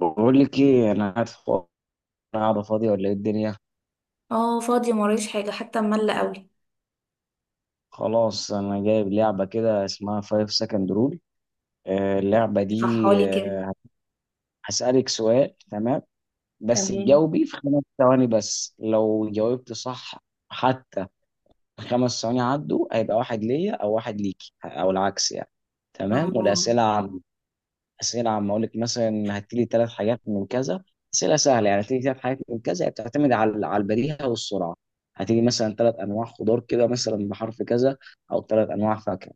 بقول لك ايه، انا قاعد فاضي. قاعده فاضيه ولا ايه الدنيا؟ اه، فاضية مرايش حاجة حتى ملة قوي. خلاص، انا جايب لعبه كده اسمها 5 سكند رول. اللعبه دي اشرحها لي كده. آه، هسالك سؤال، تمام؟ بس تمام. تجاوبي في 5 ثواني، بس لو جاوبت صح. حتى 5 ثواني عدوا هيبقى واحد ليا او واحد ليكي، او العكس يعني. تمام، اه، والاسئله اسئله عامه، اقول لك مثلا هتجيلي ثلاث حاجات من كذا. اسئله سهله يعني، هتجيلي ثلاث حاجات من كذا، هي بتعتمد على البديهه والسرعه. هتيجي مثلا ثلاث انواع خضار كده مثلا بحرف كذا، او ثلاث انواع فاكهه.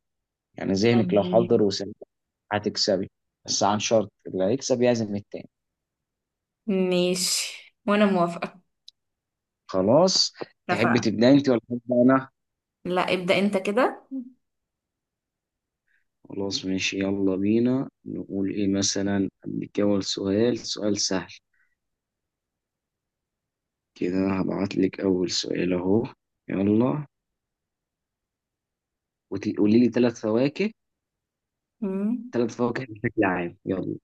يعني ذهنك لو حضر تمام. وسمع هتكسبي. بس عن شرط اللي هيكسب يعزم التاني. ماشي وانا موافقة. خلاص. تحب اتفقنا. تبدا انت ولا ابدا انا؟ لا، ابدأ انت كده. خلاص ماشي، يلا بينا نقول ايه، مثلا اديك اول سؤال، سؤال سهل كده. هبعت لك اول سؤال اهو. يلا. وتقولي لي ثلاث فواكه. امم ثلاث فواكه بشكل عام، يلا.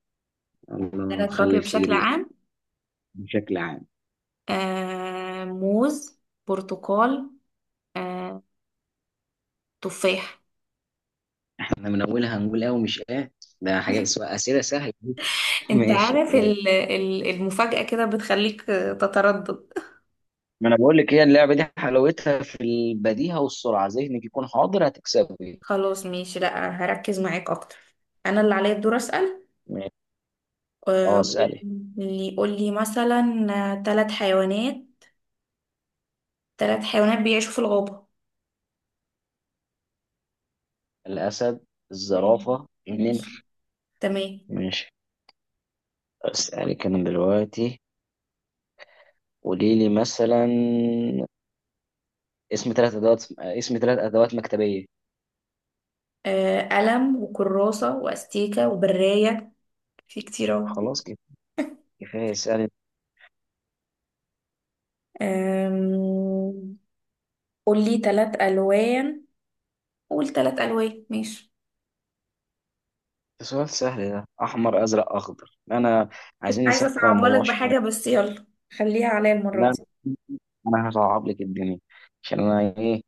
الله ثلاث خلي فواكه الفجر بشكل يأتي. عام. بشكل عام. موز، برتقال، آه تفاح. احنا من اولها هنقول اه ومش اه. ده حاجه اسمها اسئله سهله. انت ماشي عارف، يلا. المفاجأة كده بتخليك، تتردد. ما انا بقول لك، هي اللعبه دي حلاوتها في البديهه والسرعه، ذهنك يكون حاضر هتكسبي. خلاص ماشي، لا هركز معاك اكتر. انا اللي عليا الدور اسأل. ماشي. اه، آه، اسالي. قولي قولي مثلا ثلاث حيوانات، ثلاث حيوانات بيعيشوا في الغابة. الاسد، ماشي، الزرافه، ماشي، النمر. تمام. ماشي. اسالك انا دلوقتي. قولي لي مثلا اسم ثلاث ادوات، اسم ثلاث ادوات مكتبيه. قلم وكراسة وأستيكة وبراية، في كتير أهو. خلاص كده، كفايه، اسالي. آم، قول لي ثلاث ألوان، قول ثلاث ألوان ماشي. ده سؤال سهل ده، احمر ازرق اخضر. انا كنت عايزين عايزة نسخن أصعبها لك الموضوع شويه. بحاجة بس يلا، خليها عليا المرة لا، دي. انا هصعب لك الدنيا. عشان انا ايه.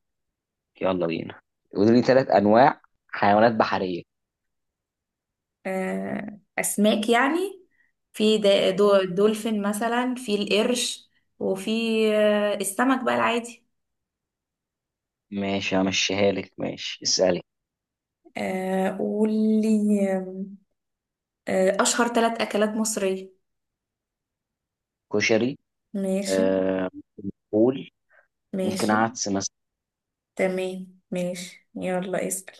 يلا بينا. قولي لي ثلاث انواع حيوانات بحريه. أسماك يعني، في دولفين مثلا، في القرش، وفي السمك بقى العادي. ماشي همشيها لك، ماشي اسالي. قول لي آم، آه، أشهر ثلاث أكلات مصرية. كشري. ماشي، آه فول. ممكن ماشي، عدس مثلا. تمام. ماشي يلا اسأل.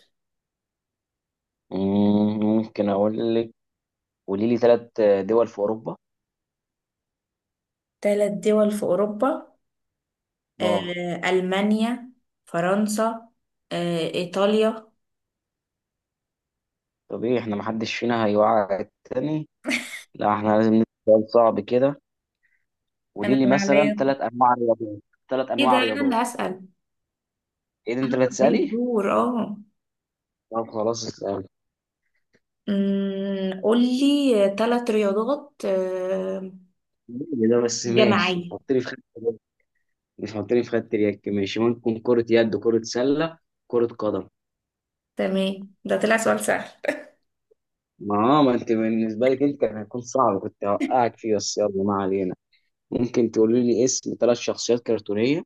ممكن اقول لك. قولي لي ثلاث دول في اوروبا. تلات دول في أوروبا، اه. ألمانيا، فرنسا، إيطاليا. طب ايه، احنا محدش فينا هيوعى التاني. لا، احنا لازم نسأل سؤال صعب كده. أنا قولي لي اللي مثلا عليا. ثلاث انواع رياضات. ثلاث إيه ده، انواع أنا اللي رياضات. هسأل، ايه ده، انت اللي عليا هتسالي؟ الدور اه. طب خلاص اسال. قولي تلات رياضات إيه ده بس، ماشي جماعية. حطني في خدت. مش حاطيني في خدة اليك، ماشي، ممكن كرة يد، كرة سلة، كرة قدم. تمام، ده طلع سؤال سهل. ما انت بالنسبة لك، انت كان هيكون صعب، كنت هوقعك فيه، بس يلا، ما علينا. ممكن تقولي لي اسم ثلاث شخصيات كرتونية.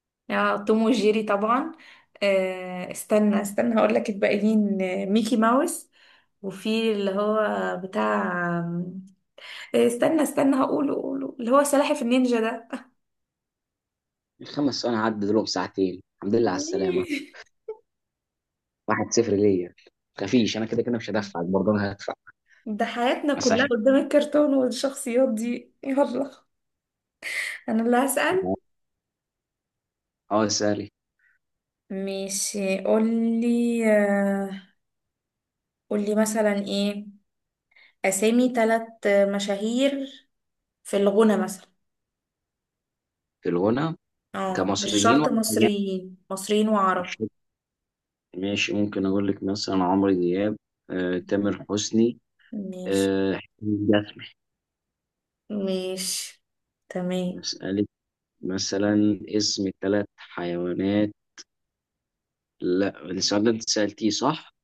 اه توم وجيري طبعا. استنى استنى هقول لك الباقيين، ميكي ماوس، وفي اللي هو بتاع، استنى استنى هقوله قوله اللي هو سلاحف النينجا ده. الـ5 ثواني عدى دول ساعتين، الحمد لله على السلامة. 1-0 ليا. متخافيش، انا كده كده مش هدفعك، برضه انا هدفع. ده حياتنا بس كلها عشان. قدام الكرتون والشخصيات دي، يلا. انا اللي هسأل. اه، سالي. ماشي، قولي قولي مثلا ايه، اسامي ثلاث مشاهير في الغنى مثلا. في الغنى. اه مش كمصريين شرط ولا أجانب؟ مصريين، مصريين مش وعرب. فاكر. ماشي، ممكن أقول لك مثلا عمرو دياب، تامر حسني، ماشي، حسين جسمي. ماشي، تمام. أسألك مثلا اسم ثلاث حيوانات. لا، السؤال ده أنت سألتيه، صح؟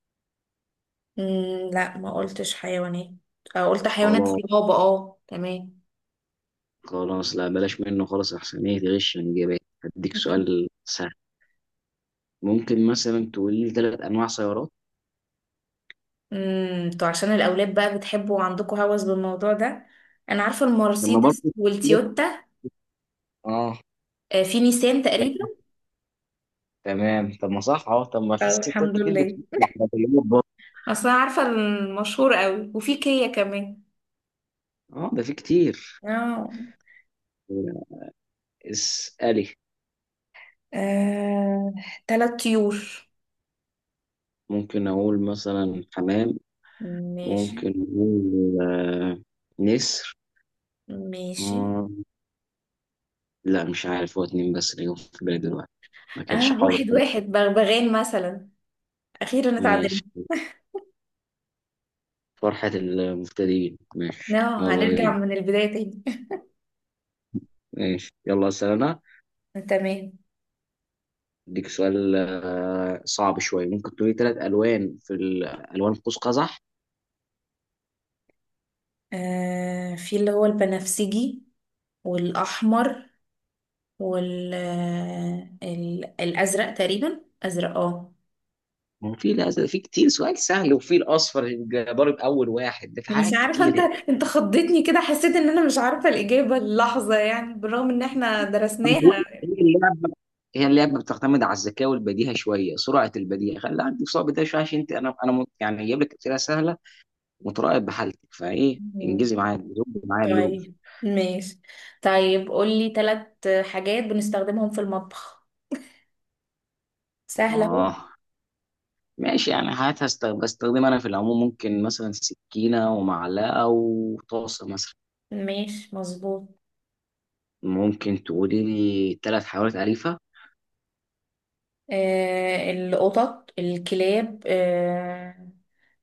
لا، ما قلتش حيوانات، قلت حيوانات في خلاص الغابة، اه تمام. خلاص، لا بلاش منه، خلاص أحسن، إيه، تغش من إجابات. هديك سؤال سهل. ممكن مثلا تقولي لي ثلاث أنواع سيارات. تو عشان الأولاد بقى بتحبوا وعندكم هوس بالموضوع ده. أنا عارفة لما المرسيدس برضه. والتويوتا، اه. في نيسان بجمع. تقريبا. تمام، طب ما صح، طب ما في ستات الحمد كتير لله، بتقول العربيات برضه. أصلا عارفة المشهور قوي، وفي كيا كمان. اه ده في كتير. اه. اسألي. آه، تلات طيور. ممكن أقول مثلا حمام. ماشي، ممكن أقول نسر. ماشي. مم، لا مش عارف، هو اتنين بس اللي جم في بالي دلوقتي. ما كانش اه، حاضر. واحد واحد، بغبغان مثلا. أخيرا اتعدلنا. ماشي. فرحة المبتدئين، ماشي اه، يلا هنرجع بينا. من البداية تاني. ماشي يلا أسأل أنا. تمام. أديك سؤال صعب شوية. ممكن تقولي تلات ألوان ألوان قوس قزح. في اللي هو البنفسجي، والأحمر، الأزرق تقريبا، أزرق اه. ما هو في، لا في كتير، سؤال سهل، وفي الأصفر، يبقى ضارب أول واحد، ده في مش حاجات عارفة، كتير انت يعني. انت خضتني كده، حسيت ان انا مش عارفة الإجابة اللحظة، يعني بالرغم ان احنا أنا درسناها. بقول هي اللعبه، هي اللعبه بتعتمد على الذكاء والبديهه شويه، سرعه البديهه، خلي عندك سرعه بديهه شويه، عشان انت، يعني جايب لك اسئله سهله، متراقب بحالتك فايه مم. انجزي معايا زبي معايا اللوب. طيب ماشي، طيب قولي ثلاث حاجات بنستخدمهم في المطبخ، سهلة اهو. اه ماشي يعني، بستخدمها انا في العموم، ممكن مثلا سكينه ومعلقه وطاسه مثلا. ماشي مظبوط. ممكن تقولي لي ثلاث حيوانات اليفه. القطط، الكلاب،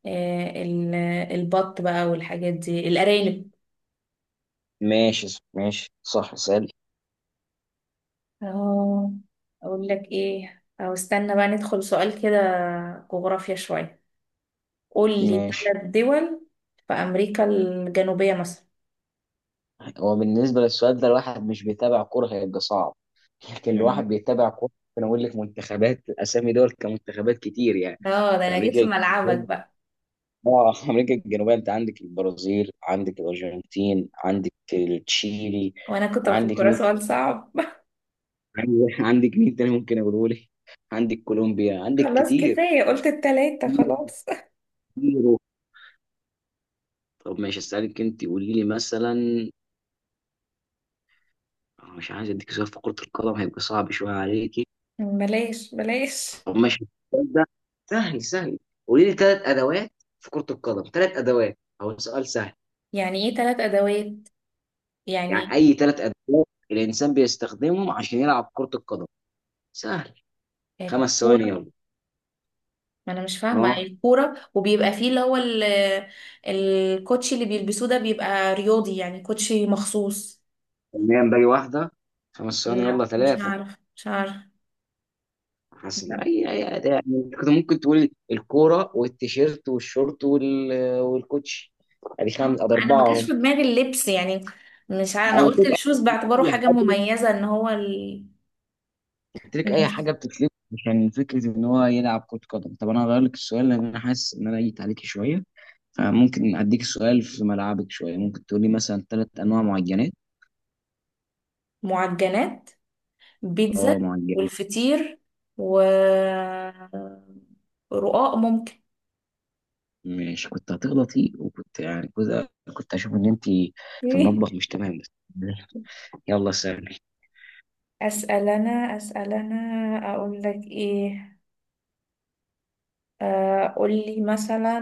آه، ال- البط بقى والحاجات دي، الأرانب. ماشي. ماشي صح، سالي. أهو. أقول لك إيه، أو استنى بقى ندخل سؤال كده جغرافيا شوية. قول لي ماشي. ثلاث دول في أمريكا الجنوبية مثلا. هو بالنسبة للسؤال ده، الواحد مش بيتابع كورة هيبقى صعب، لكن مم. الواحد بيتابع كورة ممكن أقول لك منتخبات، أسامي دول كمنتخبات كتير يعني. اه، ده في أنا جيت في أمريكا. ملعبك بقى. آه أمريكا الجنوبية، أنت عندك البرازيل، عندك الأرجنتين، عندك تشيلي. وأنا كنت عندك مفكرة مين. سؤال صعب. عندك مين تاني ممكن أقوله لك، عندك كولومبيا، عندك خلاص كتير. كفاية، قلت التلاتة كتير خلاص. كتير. طب ماشي، أسألك أنت. قولي لي مثلا، أنا مش عايز أديك سؤال في كرة القدم هيبقى صعب شوية عليك. بلاش بلاش. طب ماشي. السؤال ده سهل سهل. قولي لي ثلاث ادوات في كرة القدم، ثلاث ادوات، هو سؤال سهل. يعني إيه تلات أدوات، يعني يعني؟ اي ثلاث ادوات الانسان بيستخدمهم عشان يلعب كرة القدم. سهل. 5 ثواني كورة. يلا. ما انا مش فاهمه يعني، اه الكوره، وبيبقى فيه اللي هو الكوتشي اللي بيلبسوه ده، بيبقى رياضي يعني، كوتشي مخصوص. تمام، باقي واحدة. 5 ثواني لا، يلا، مش ثلاثة. عارف مش عارف. حسن لا. اي أداة. يعني كنت ممكن تقولي الكورة والتيشيرت والشورت وال، والكوتش. ادي خمس، ادي انا اربعة ما جاش اهم. في دماغي اللبس يعني. مش عارف، انا على قلت فكرة، الشوز باعتباره اي حاجه حاجة. مميزه ان هو ال... قلت لك اي ماشي. حاجه بتتلف عشان فكره ان هو يلعب كره قدم. طب انا هغير لك السؤال لان انا حاسس ان انا جيت عليك شويه. فممكن اديك سؤال في ملعبك شويه، ممكن تقولي مثلا ثلاث انواع معجنات. معجنات، بيتزا، اه معجنات. والفطير، و رقاق ممكن. ماشي، كنت هتغلطي، وكنت يعني كنت اشوف ان انت في المطبخ مش تمام بس. يلا سهل. اسال انا، اسال انا، اقول لك ايه. قولي مثلا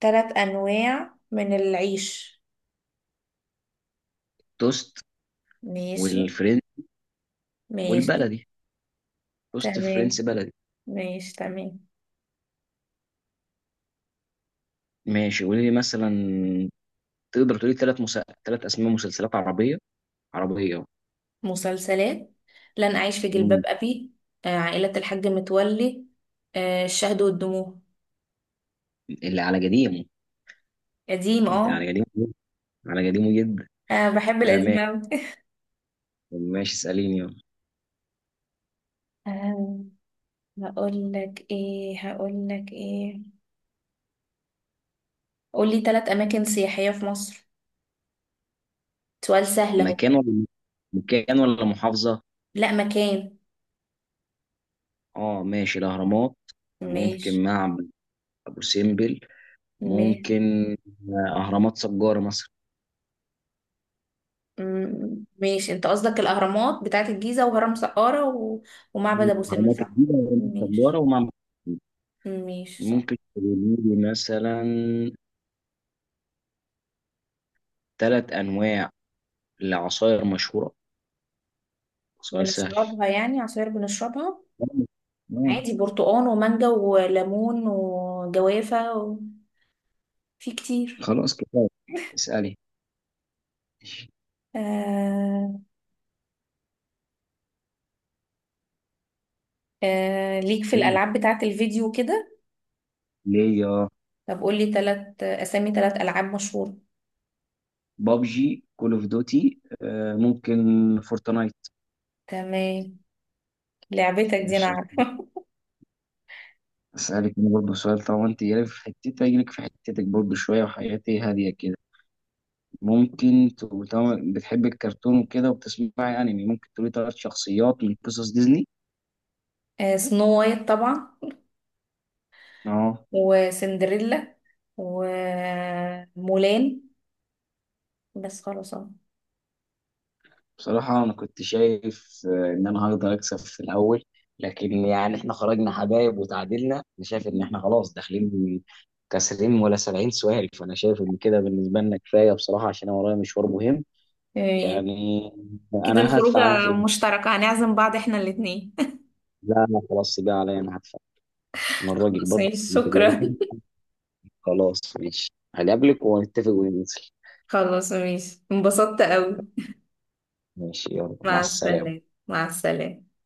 ثلاث أنواع من العيش. توست ماشي، والفرنس ماشي، والبلدي، توست تمام. فرنسي بلدي. ماشي، تمام. ماشي، قولي لي مثلا، تقدر تقولي ثلاث اسماء مسلسلات عربيه، عربيه. مسلسلات، لن أعيش في جلباب مم. أبي، عائلة الحاج متولي، الشهد والدموع. اللي على قديمه. قديم انت اه، على قديم. انا قديم جدا. أنا بحب آه القديم ماشي. أوي. ماشي اساليني يلا. آه، هقول لك ايه، هقول لك ايه، قولي ثلاث أماكن سياحية في مصر، سؤال سهل أهو. مكان ولا، محافظه؟ لا، مكان. اه ماشي، الاهرامات. ممكن ماشي، معبد ابو سمبل. ماشي. ممكن اهرامات سجاره مثلا. ماشي، انت قصدك الاهرامات بتاعت الجيزه، وهرم سقاره، و... ومعبد ابو سمبل، اهرامات صح؟ الجيزه واهرامات سجاره ماشي، ومعبد أبو سمبل. ماشي، صح. ممكن تقولي لي مثلا ثلاث انواع لعصاير مشهوره، سؤال سهل. بنشربها يعني، عصير بنشربها. آه. عادي، برتقان ومانجا وليمون وجوافه، و... في كتير. خلاص كفايه، اسالي. آه... ليك في إيه؟ الالعاب بتاعت الفيديو كده. ليه. طب قولي تلات اسامي تلات العاب مشهوره. بابجي، كول اوف دوتي، ممكن فورتنايت. تمام، لعبتك دي انا ماشي، عارفه. أسألك أنا برضه سؤال، طالما أنت جايلك في حتتي أجيلك في حتتك برضه شوية، وحياتي هادية كده. ممكن تقول، طالما بتحب الكرتون وكده وبتسمعي أنمي، ممكن تقولي تلات شخصيات من قصص ديزني. سنو وايت طبعا، أه. وسندريلا، ومولان، بس خلاص اه. بصراحة أنا كنت شايف إن أنا هقدر أكسب في الأول، لكن يعني إحنا خرجنا حبايب وتعادلنا. أنا شايف إن إحنا خلاص داخلين كسرين ولا 70 سؤال، فأنا شايف إن كده بالنسبة لنا كفاية بصراحة، عشان أنا ورايا مشوار مهم إيه، يعني. كده أنا هدفع، أنا الخروجة مشتركة، هنعزم بعض احنا الاتنين. لا لا خلاص بقى، عليا أنا هدفع، انا الراجل خلاص برضه. ماشي، شكرا. خلاص ماشي، هقابلك ونتفق وننزل. خلاص ماشي، انبسطت قوي. ماشي يلا، مع مع السلامة. السلامة. مع السلامة.